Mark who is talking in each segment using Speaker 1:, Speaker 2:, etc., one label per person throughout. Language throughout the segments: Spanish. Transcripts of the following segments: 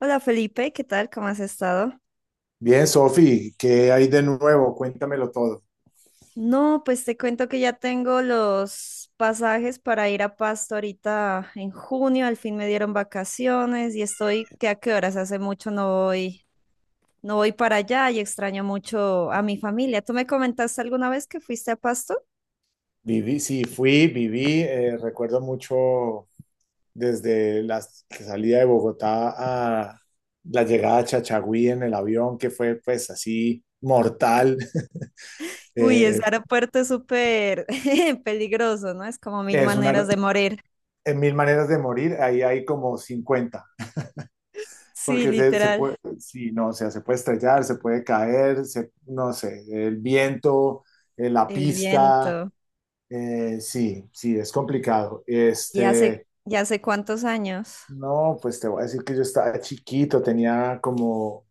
Speaker 1: Hola Felipe, ¿qué tal? ¿Cómo has estado?
Speaker 2: Bien, Sofi, ¿qué hay de nuevo? Cuéntamelo todo.
Speaker 1: No, pues te cuento que ya tengo los pasajes para ir a Pasto ahorita en junio, al fin me dieron vacaciones y estoy, ¿qué a qué horas? Hace mucho no voy para allá y extraño mucho a mi familia. ¿Tú me comentaste alguna vez que fuiste a Pasto?
Speaker 2: Viví, sí, fui, viví, recuerdo mucho desde la salida de Bogotá a la llegada a Chachagüí en el avión, que fue pues así mortal.
Speaker 1: Uy, ese
Speaker 2: Eh,
Speaker 1: aeropuerto es súper peligroso, ¿no? Es como mil
Speaker 2: es una,
Speaker 1: maneras de morir.
Speaker 2: en mil maneras de morir, ahí hay como 50
Speaker 1: Sí,
Speaker 2: porque se
Speaker 1: literal,
Speaker 2: puede, sí, no, o sea, se puede estrellar, se puede caer, se, no sé, el viento, la
Speaker 1: el
Speaker 2: pista,
Speaker 1: viento.
Speaker 2: sí, sí, es complicado.
Speaker 1: ¿Y hace,
Speaker 2: Este,
Speaker 1: ya hace cuántos años?
Speaker 2: no, pues te voy a decir que yo estaba chiquito, tenía como,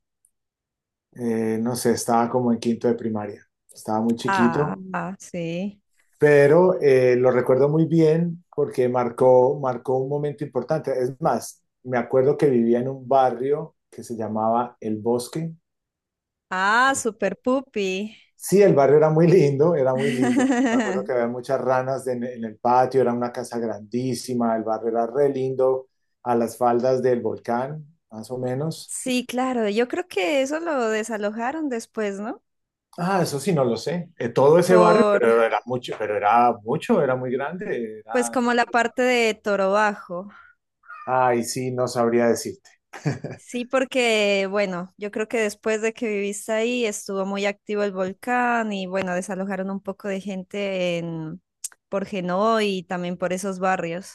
Speaker 2: no sé, estaba como en quinto de primaria, estaba muy
Speaker 1: Ah,
Speaker 2: chiquito,
Speaker 1: ah, sí.
Speaker 2: pero lo recuerdo muy bien porque marcó un momento importante. Es más, me acuerdo que vivía en un barrio que se llamaba El Bosque.
Speaker 1: Ah,
Speaker 2: Eh,
Speaker 1: Super Puppy.
Speaker 2: Sí, el barrio era muy lindo, era muy lindo. Me acuerdo que había muchas ranas en el patio, era una casa grandísima, el barrio era re lindo, a las faldas del volcán, más o menos.
Speaker 1: Sí, claro, yo creo que eso lo desalojaron después, ¿no?
Speaker 2: Ah, eso sí, no lo sé. Todo ese barrio,
Speaker 1: Por,
Speaker 2: pero era mucho, era muy grande.
Speaker 1: pues
Speaker 2: Era, no
Speaker 1: como la
Speaker 2: solo-
Speaker 1: parte de Toro Bajo.
Speaker 2: ay, sí, no sabría decirte.
Speaker 1: Sí, porque, bueno, yo creo que después de que viviste ahí estuvo muy activo el volcán y, bueno, desalojaron un poco de gente en, por Genoa y también por esos barrios.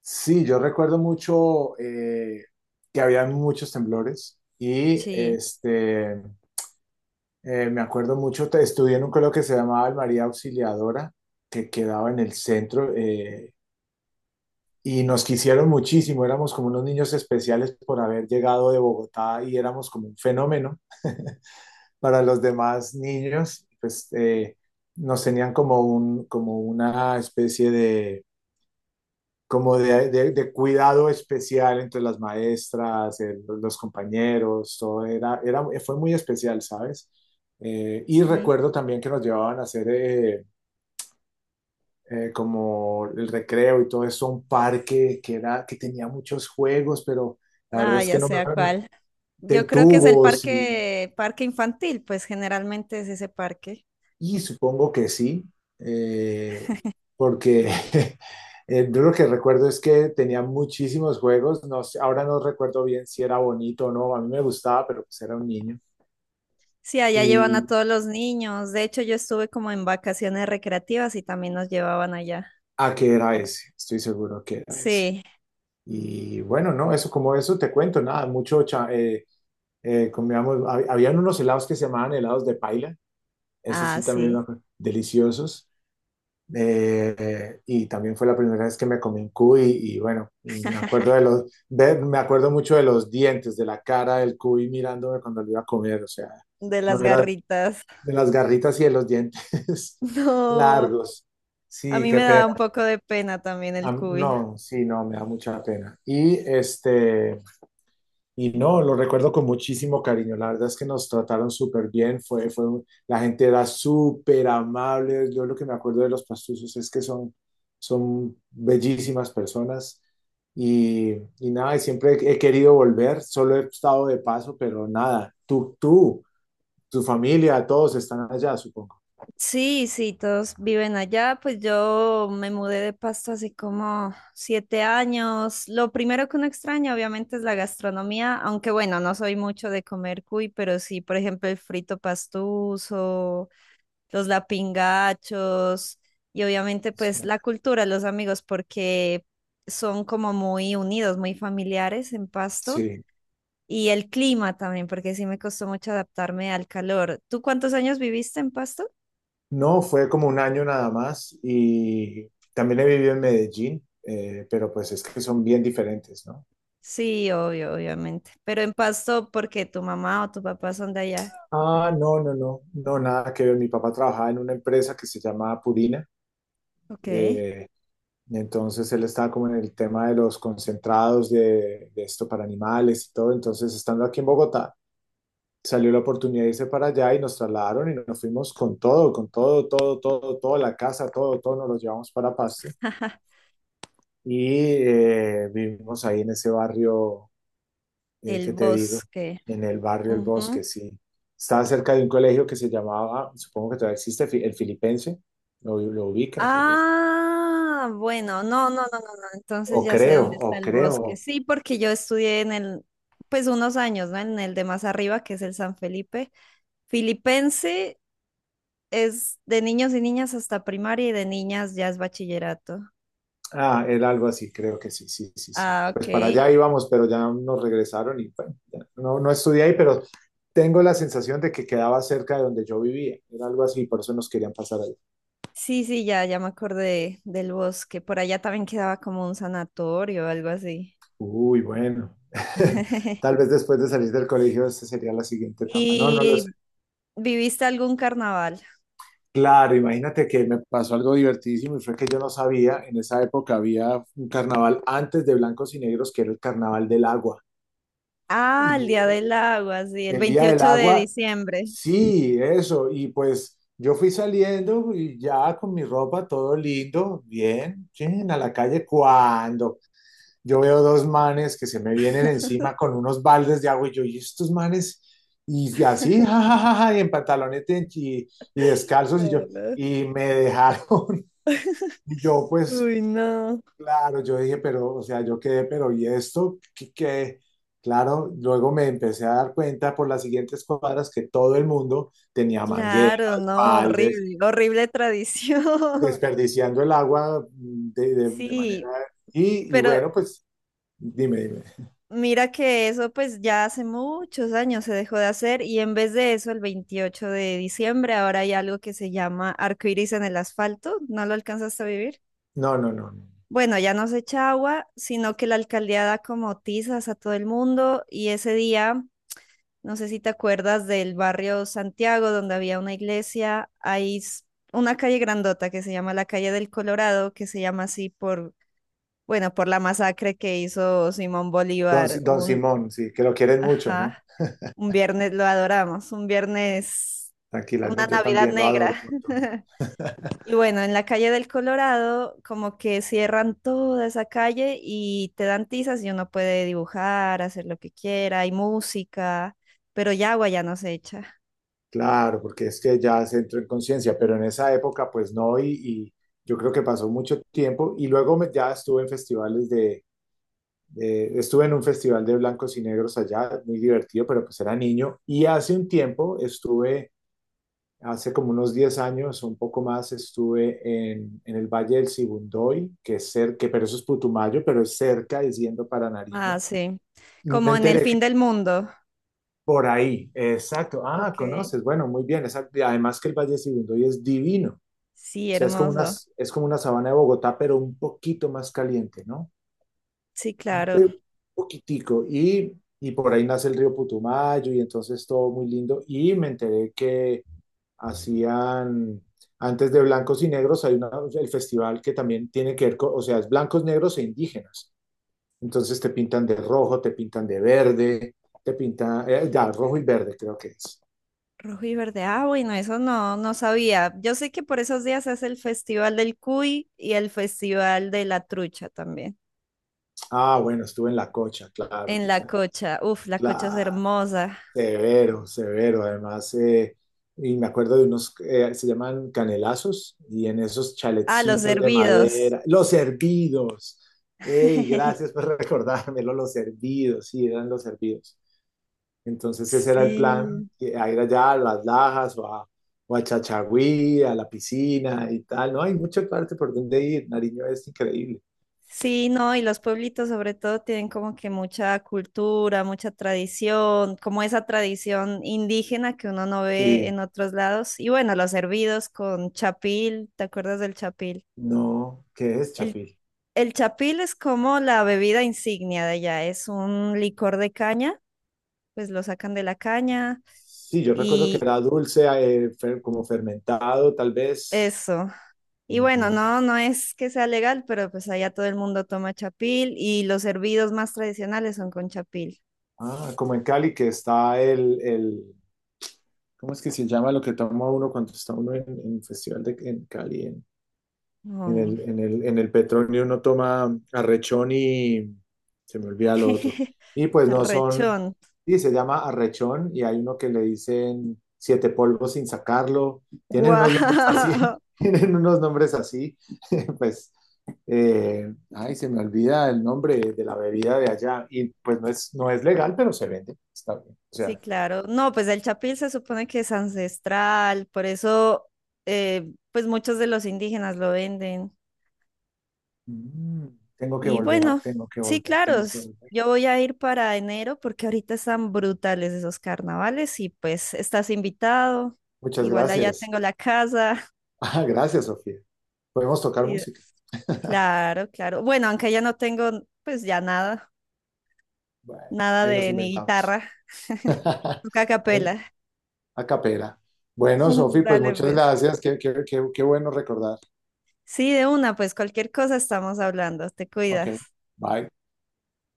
Speaker 2: Sí, yo recuerdo mucho que había muchos temblores y
Speaker 1: Sí,
Speaker 2: me acuerdo mucho, estudié en un colegio que se llamaba el María Auxiliadora, que quedaba en el centro y nos quisieron muchísimo. Éramos como unos niños especiales por haber llegado de Bogotá y éramos como un fenómeno para los demás niños, pues nos tenían como, como una especie de, de cuidado especial entre las maestras, los compañeros, todo fue muy especial, ¿sabes? Y
Speaker 1: sí.
Speaker 2: recuerdo también que nos llevaban a hacer como el recreo y todo eso, un parque que era, que tenía muchos juegos, pero la verdad
Speaker 1: Ah,
Speaker 2: es que
Speaker 1: ya
Speaker 2: no me...
Speaker 1: sea cuál.
Speaker 2: de
Speaker 1: Yo creo que es el
Speaker 2: tubos y
Speaker 1: parque, parque infantil, pues generalmente es ese parque.
Speaker 2: Supongo que sí, eh, porque yo lo que recuerdo es que tenía muchísimos juegos, no, ahora no recuerdo bien si era bonito o no, a mí me gustaba, pero pues era un niño.
Speaker 1: Sí, allá llevan a
Speaker 2: Y
Speaker 1: todos los niños. De hecho, yo estuve como en vacaciones recreativas y también nos llevaban allá.
Speaker 2: a qué era ese, estoy seguro que era ese.
Speaker 1: Sí,
Speaker 2: Y bueno, no, eso como eso te cuento, nada, mucho, comíamos, habían unos helados que se llamaban helados de paila, eso
Speaker 1: ah,
Speaker 2: sí también me
Speaker 1: sí,
Speaker 2: acuerdo, deliciosos. Y también fue la primera vez que me comí un cuy y bueno, me acuerdo de los, me acuerdo mucho de los dientes, de la cara del cuy mirándome cuando lo iba a comer, o sea,
Speaker 1: de
Speaker 2: no
Speaker 1: las
Speaker 2: era
Speaker 1: garritas.
Speaker 2: de las garritas y de los dientes
Speaker 1: No,
Speaker 2: largos.
Speaker 1: a
Speaker 2: Sí,
Speaker 1: mí
Speaker 2: qué
Speaker 1: me daba
Speaker 2: pena.
Speaker 1: un poco de pena también el
Speaker 2: No,
Speaker 1: cuy.
Speaker 2: sí, no, me da mucha pena. Y este, y no, lo recuerdo con muchísimo cariño. La verdad es que nos trataron súper bien. La gente era súper amable. Yo lo que me acuerdo de los pastusos es que son bellísimas personas. Y, y nada, y siempre he querido volver. Solo he estado de paso, pero nada. Tu familia, todos están allá, supongo.
Speaker 1: Sí, sí, todos viven allá. Pues yo me mudé de Pasto hace como 7 años. Lo primero que uno extraña, obviamente, es la gastronomía, aunque bueno, no soy mucho de comer cuy, pero sí, por ejemplo, el frito pastuso, los lapingachos y obviamente
Speaker 2: Eso
Speaker 1: pues
Speaker 2: era.
Speaker 1: la cultura, los amigos, porque son como muy unidos, muy familiares en Pasto,
Speaker 2: Sí.
Speaker 1: y el clima también, porque sí me costó mucho adaptarme al calor. ¿Tú cuántos años viviste en Pasto?
Speaker 2: No, fue como un año nada más. Y también he vivido en Medellín, pero pues es que son bien diferentes, ¿no?
Speaker 1: Sí, obvio, obviamente, pero en Pasto porque tu mamá o tu papá son de allá.
Speaker 2: Ah, no, no, no, no, nada que ver. Mi papá trabajaba en una empresa que se llamaba Purina,
Speaker 1: Ok.
Speaker 2: eh, y entonces él estaba como en el tema de los concentrados de esto para animales y todo. Entonces, estando aquí en Bogotá, salió la oportunidad de irse para allá y nos trasladaron y nos fuimos con todo, todo, todo, todo, la casa, todo, todo, nos lo llevamos para Pasto y vivimos ahí en ese barrio
Speaker 1: El
Speaker 2: ¿qué te digo?
Speaker 1: bosque.
Speaker 2: En el barrio El
Speaker 1: Ujú.
Speaker 2: Bosque, sí. Estaba cerca de un colegio que se llamaba, supongo que todavía existe, el Filipense, lo ubicas o algo así.
Speaker 1: Ah, bueno, no, no, no, no, no.
Speaker 2: O
Speaker 1: Entonces ya sé
Speaker 2: creo,
Speaker 1: dónde
Speaker 2: o
Speaker 1: está el
Speaker 2: creo.
Speaker 1: bosque. Sí, porque yo estudié en el, pues unos años, ¿no? En el de más arriba, que es el San Felipe. Filipense es de niños y niñas hasta primaria y de niñas ya es bachillerato.
Speaker 2: Ah, era algo así, creo que sí, sí, sí, sí.
Speaker 1: Ah,
Speaker 2: Pues para
Speaker 1: ok.
Speaker 2: allá íbamos, pero ya nos regresaron y bueno, ya no, no estudié ahí, pero tengo la sensación de que quedaba cerca de donde yo vivía. Era algo así, por eso nos querían pasar ahí.
Speaker 1: Sí, sí, ya me acordé del bosque. Por allá también quedaba como un sanatorio o algo así.
Speaker 2: Uy, bueno. Tal vez después de salir del colegio, esa sería la siguiente etapa. No, no lo sé.
Speaker 1: ¿Y viviste algún carnaval?
Speaker 2: Claro, imagínate que me pasó algo divertidísimo y fue que yo no sabía, en esa época había un carnaval antes de Blancos y Negros que era el Carnaval del Agua. Y
Speaker 1: Ah, el Día del Agua, sí, el
Speaker 2: el Día del
Speaker 1: 28 de
Speaker 2: Agua,
Speaker 1: diciembre.
Speaker 2: sí, eso. Y pues yo fui saliendo y ya con mi ropa todo lindo, bien, chin, a la calle cuando yo veo dos manes que se me vienen encima con unos baldes de agua y yo, ¿y estos manes? Y así, ja, ja, ja, ja, y en pantalones y descalzos y yo,
Speaker 1: Eh,
Speaker 2: y me dejaron. Y yo, pues,
Speaker 1: Uy, no.
Speaker 2: claro, yo dije, pero, o sea, yo quedé, pero, ¿y esto? ¿Qué, qué? Claro, luego me empecé a dar cuenta por las siguientes cuadras que todo el mundo tenía mangueras,
Speaker 1: Claro, no,
Speaker 2: baldes,
Speaker 1: horrible, horrible tradición.
Speaker 2: desperdiciando el agua de, de manera...
Speaker 1: Sí,
Speaker 2: Y, y
Speaker 1: pero
Speaker 2: bueno, pues, dime, dime.
Speaker 1: mira que eso pues ya hace muchos años se dejó de hacer y en vez de eso el 28 de diciembre ahora hay algo que se llama arcoíris en el asfalto, ¿no lo alcanzaste a vivir?
Speaker 2: No, no, no, no.
Speaker 1: Bueno, ya no se echa agua, sino que la alcaldía da como tizas a todo el mundo y ese día no sé si te acuerdas del barrio Santiago, donde había una iglesia. Una calle grandota que se llama la calle del Colorado, que se llama así por, bueno, por la masacre que hizo Simón
Speaker 2: Don,
Speaker 1: Bolívar.
Speaker 2: Si- Don Simón, sí, que lo quieren mucho, ¿no?
Speaker 1: Ajá, un viernes, lo adoramos, un viernes,
Speaker 2: Tranquila,
Speaker 1: una
Speaker 2: ¿no? Yo
Speaker 1: Navidad
Speaker 2: también lo adoro
Speaker 1: negra.
Speaker 2: un montón.
Speaker 1: Y bueno, en la calle del Colorado, como que cierran toda esa calle y te dan tizas y uno puede dibujar, hacer lo que quiera, hay música, pero ya agua ya no se echa.
Speaker 2: Claro, porque es que ya se entró en conciencia, pero en esa época pues no, y yo creo que pasó mucho tiempo y luego ya estuve en festivales estuve en un festival de blancos y negros allá, muy divertido, pero pues era niño, y hace un tiempo estuve, hace como unos 10 años, un poco más, estuve en, el Valle del Sibundoy, que es cerca, pero eso es Putumayo, pero es cerca, es yendo para
Speaker 1: Ah,
Speaker 2: Nariño,
Speaker 1: sí.
Speaker 2: y me
Speaker 1: Como en el
Speaker 2: enteré que
Speaker 1: fin del mundo.
Speaker 2: por ahí, exacto, ah,
Speaker 1: Ok.
Speaker 2: conoces, bueno, muy bien, exacto, y además que el Valle del Sibundoy es divino. O
Speaker 1: Sí,
Speaker 2: sea,
Speaker 1: hermoso.
Speaker 2: es como una sabana de Bogotá, pero un poquito más caliente, ¿no?
Speaker 1: Sí, claro.
Speaker 2: Pero un poquitico. Y por ahí nace el río Putumayo y entonces todo muy lindo. Y me enteré que hacían, antes de blancos y negros, hay una, el festival que también tiene que ver con, o sea, es blancos, negros e indígenas. Entonces te pintan de rojo, te pintan de verde, te pintan, ya, rojo y verde creo que es.
Speaker 1: Rojo y verde. Ah, bueno, eso no, no sabía. Yo sé que por esos días es el Festival del Cuy y el Festival de la Trucha también.
Speaker 2: Ah, bueno, estuve en la cocha, claro. O
Speaker 1: En la
Speaker 2: sea,
Speaker 1: cocha. Uf, la cocha es
Speaker 2: claro.
Speaker 1: hermosa.
Speaker 2: Severo, severo. Además, y me acuerdo de unos, se llaman canelazos, y en esos
Speaker 1: Ah, los
Speaker 2: chaletcitos de
Speaker 1: hervidos.
Speaker 2: madera, los hervidos. ¡Ey, gracias por recordármelo! Los hervidos, sí, eran los hervidos. Entonces ese era el plan,
Speaker 1: Sí.
Speaker 2: que a ir allá a las Lajas o a Chachagüí, a la piscina y tal. No, hay mucha parte por donde ir. Nariño es increíble.
Speaker 1: Sí, no, y los pueblitos sobre todo tienen como que mucha cultura, mucha tradición, como esa tradición indígena que uno no ve
Speaker 2: Sí,
Speaker 1: en otros lados. Y bueno, los hervidos con chapil, ¿te acuerdas del chapil?
Speaker 2: no, ¿qué es
Speaker 1: El,
Speaker 2: Chapil?
Speaker 1: el chapil es como la bebida insignia de allá, es un licor de caña, pues lo sacan de la caña
Speaker 2: Sí, yo recuerdo que
Speaker 1: y
Speaker 2: era dulce, como fermentado, tal vez.
Speaker 1: eso. Y bueno,
Speaker 2: Ujú.
Speaker 1: no, no es que sea legal, pero pues allá todo el mundo toma chapil y los hervidos más tradicionales son con chapil.
Speaker 2: Ah, como en Cali, que está el, ¿cómo es que se llama lo que toma uno cuando está uno en, el festival de, en Cali? En
Speaker 1: Mm.
Speaker 2: el, en el, en el Petronio uno toma arrechón y se me olvida lo otro. Y pues no son,
Speaker 1: Rechón.
Speaker 2: y se llama arrechón y hay uno que le dicen siete polvos sin sacarlo. Tienen unos nombres así,
Speaker 1: Wow.
Speaker 2: tienen unos nombres así. Pues, ay, se me olvida el nombre de la bebida de allá. Y pues no es, no es legal, pero se vende. Está bien. O
Speaker 1: Sí,
Speaker 2: sea,
Speaker 1: claro. No, pues el chapil se supone que es ancestral, por eso, pues muchos de los indígenas lo venden.
Speaker 2: mm, tengo que
Speaker 1: Y
Speaker 2: volver,
Speaker 1: bueno,
Speaker 2: tengo que
Speaker 1: sí,
Speaker 2: volver,
Speaker 1: claro.
Speaker 2: tengo que
Speaker 1: s-
Speaker 2: volver.
Speaker 1: Yo voy a ir para enero porque ahorita están brutales esos carnavales y pues estás invitado.
Speaker 2: Muchas
Speaker 1: Igual allá
Speaker 2: gracias.
Speaker 1: tengo la casa.
Speaker 2: Ah, gracias, Sofía. Podemos tocar
Speaker 1: Sí,
Speaker 2: música.
Speaker 1: claro, claro. Bueno, aunque ya no tengo, pues ya nada,
Speaker 2: Bueno,
Speaker 1: nada
Speaker 2: ahí nos
Speaker 1: de ni
Speaker 2: inventamos.
Speaker 1: guitarra, toca a
Speaker 2: Ahí,
Speaker 1: capela.
Speaker 2: a capela. Bueno, Sofía, pues
Speaker 1: Dale,
Speaker 2: muchas
Speaker 1: pues.
Speaker 2: gracias. Qué bueno recordar.
Speaker 1: Sí, de una, pues cualquier cosa estamos hablando. Te
Speaker 2: Ok,
Speaker 1: cuidas.
Speaker 2: bye.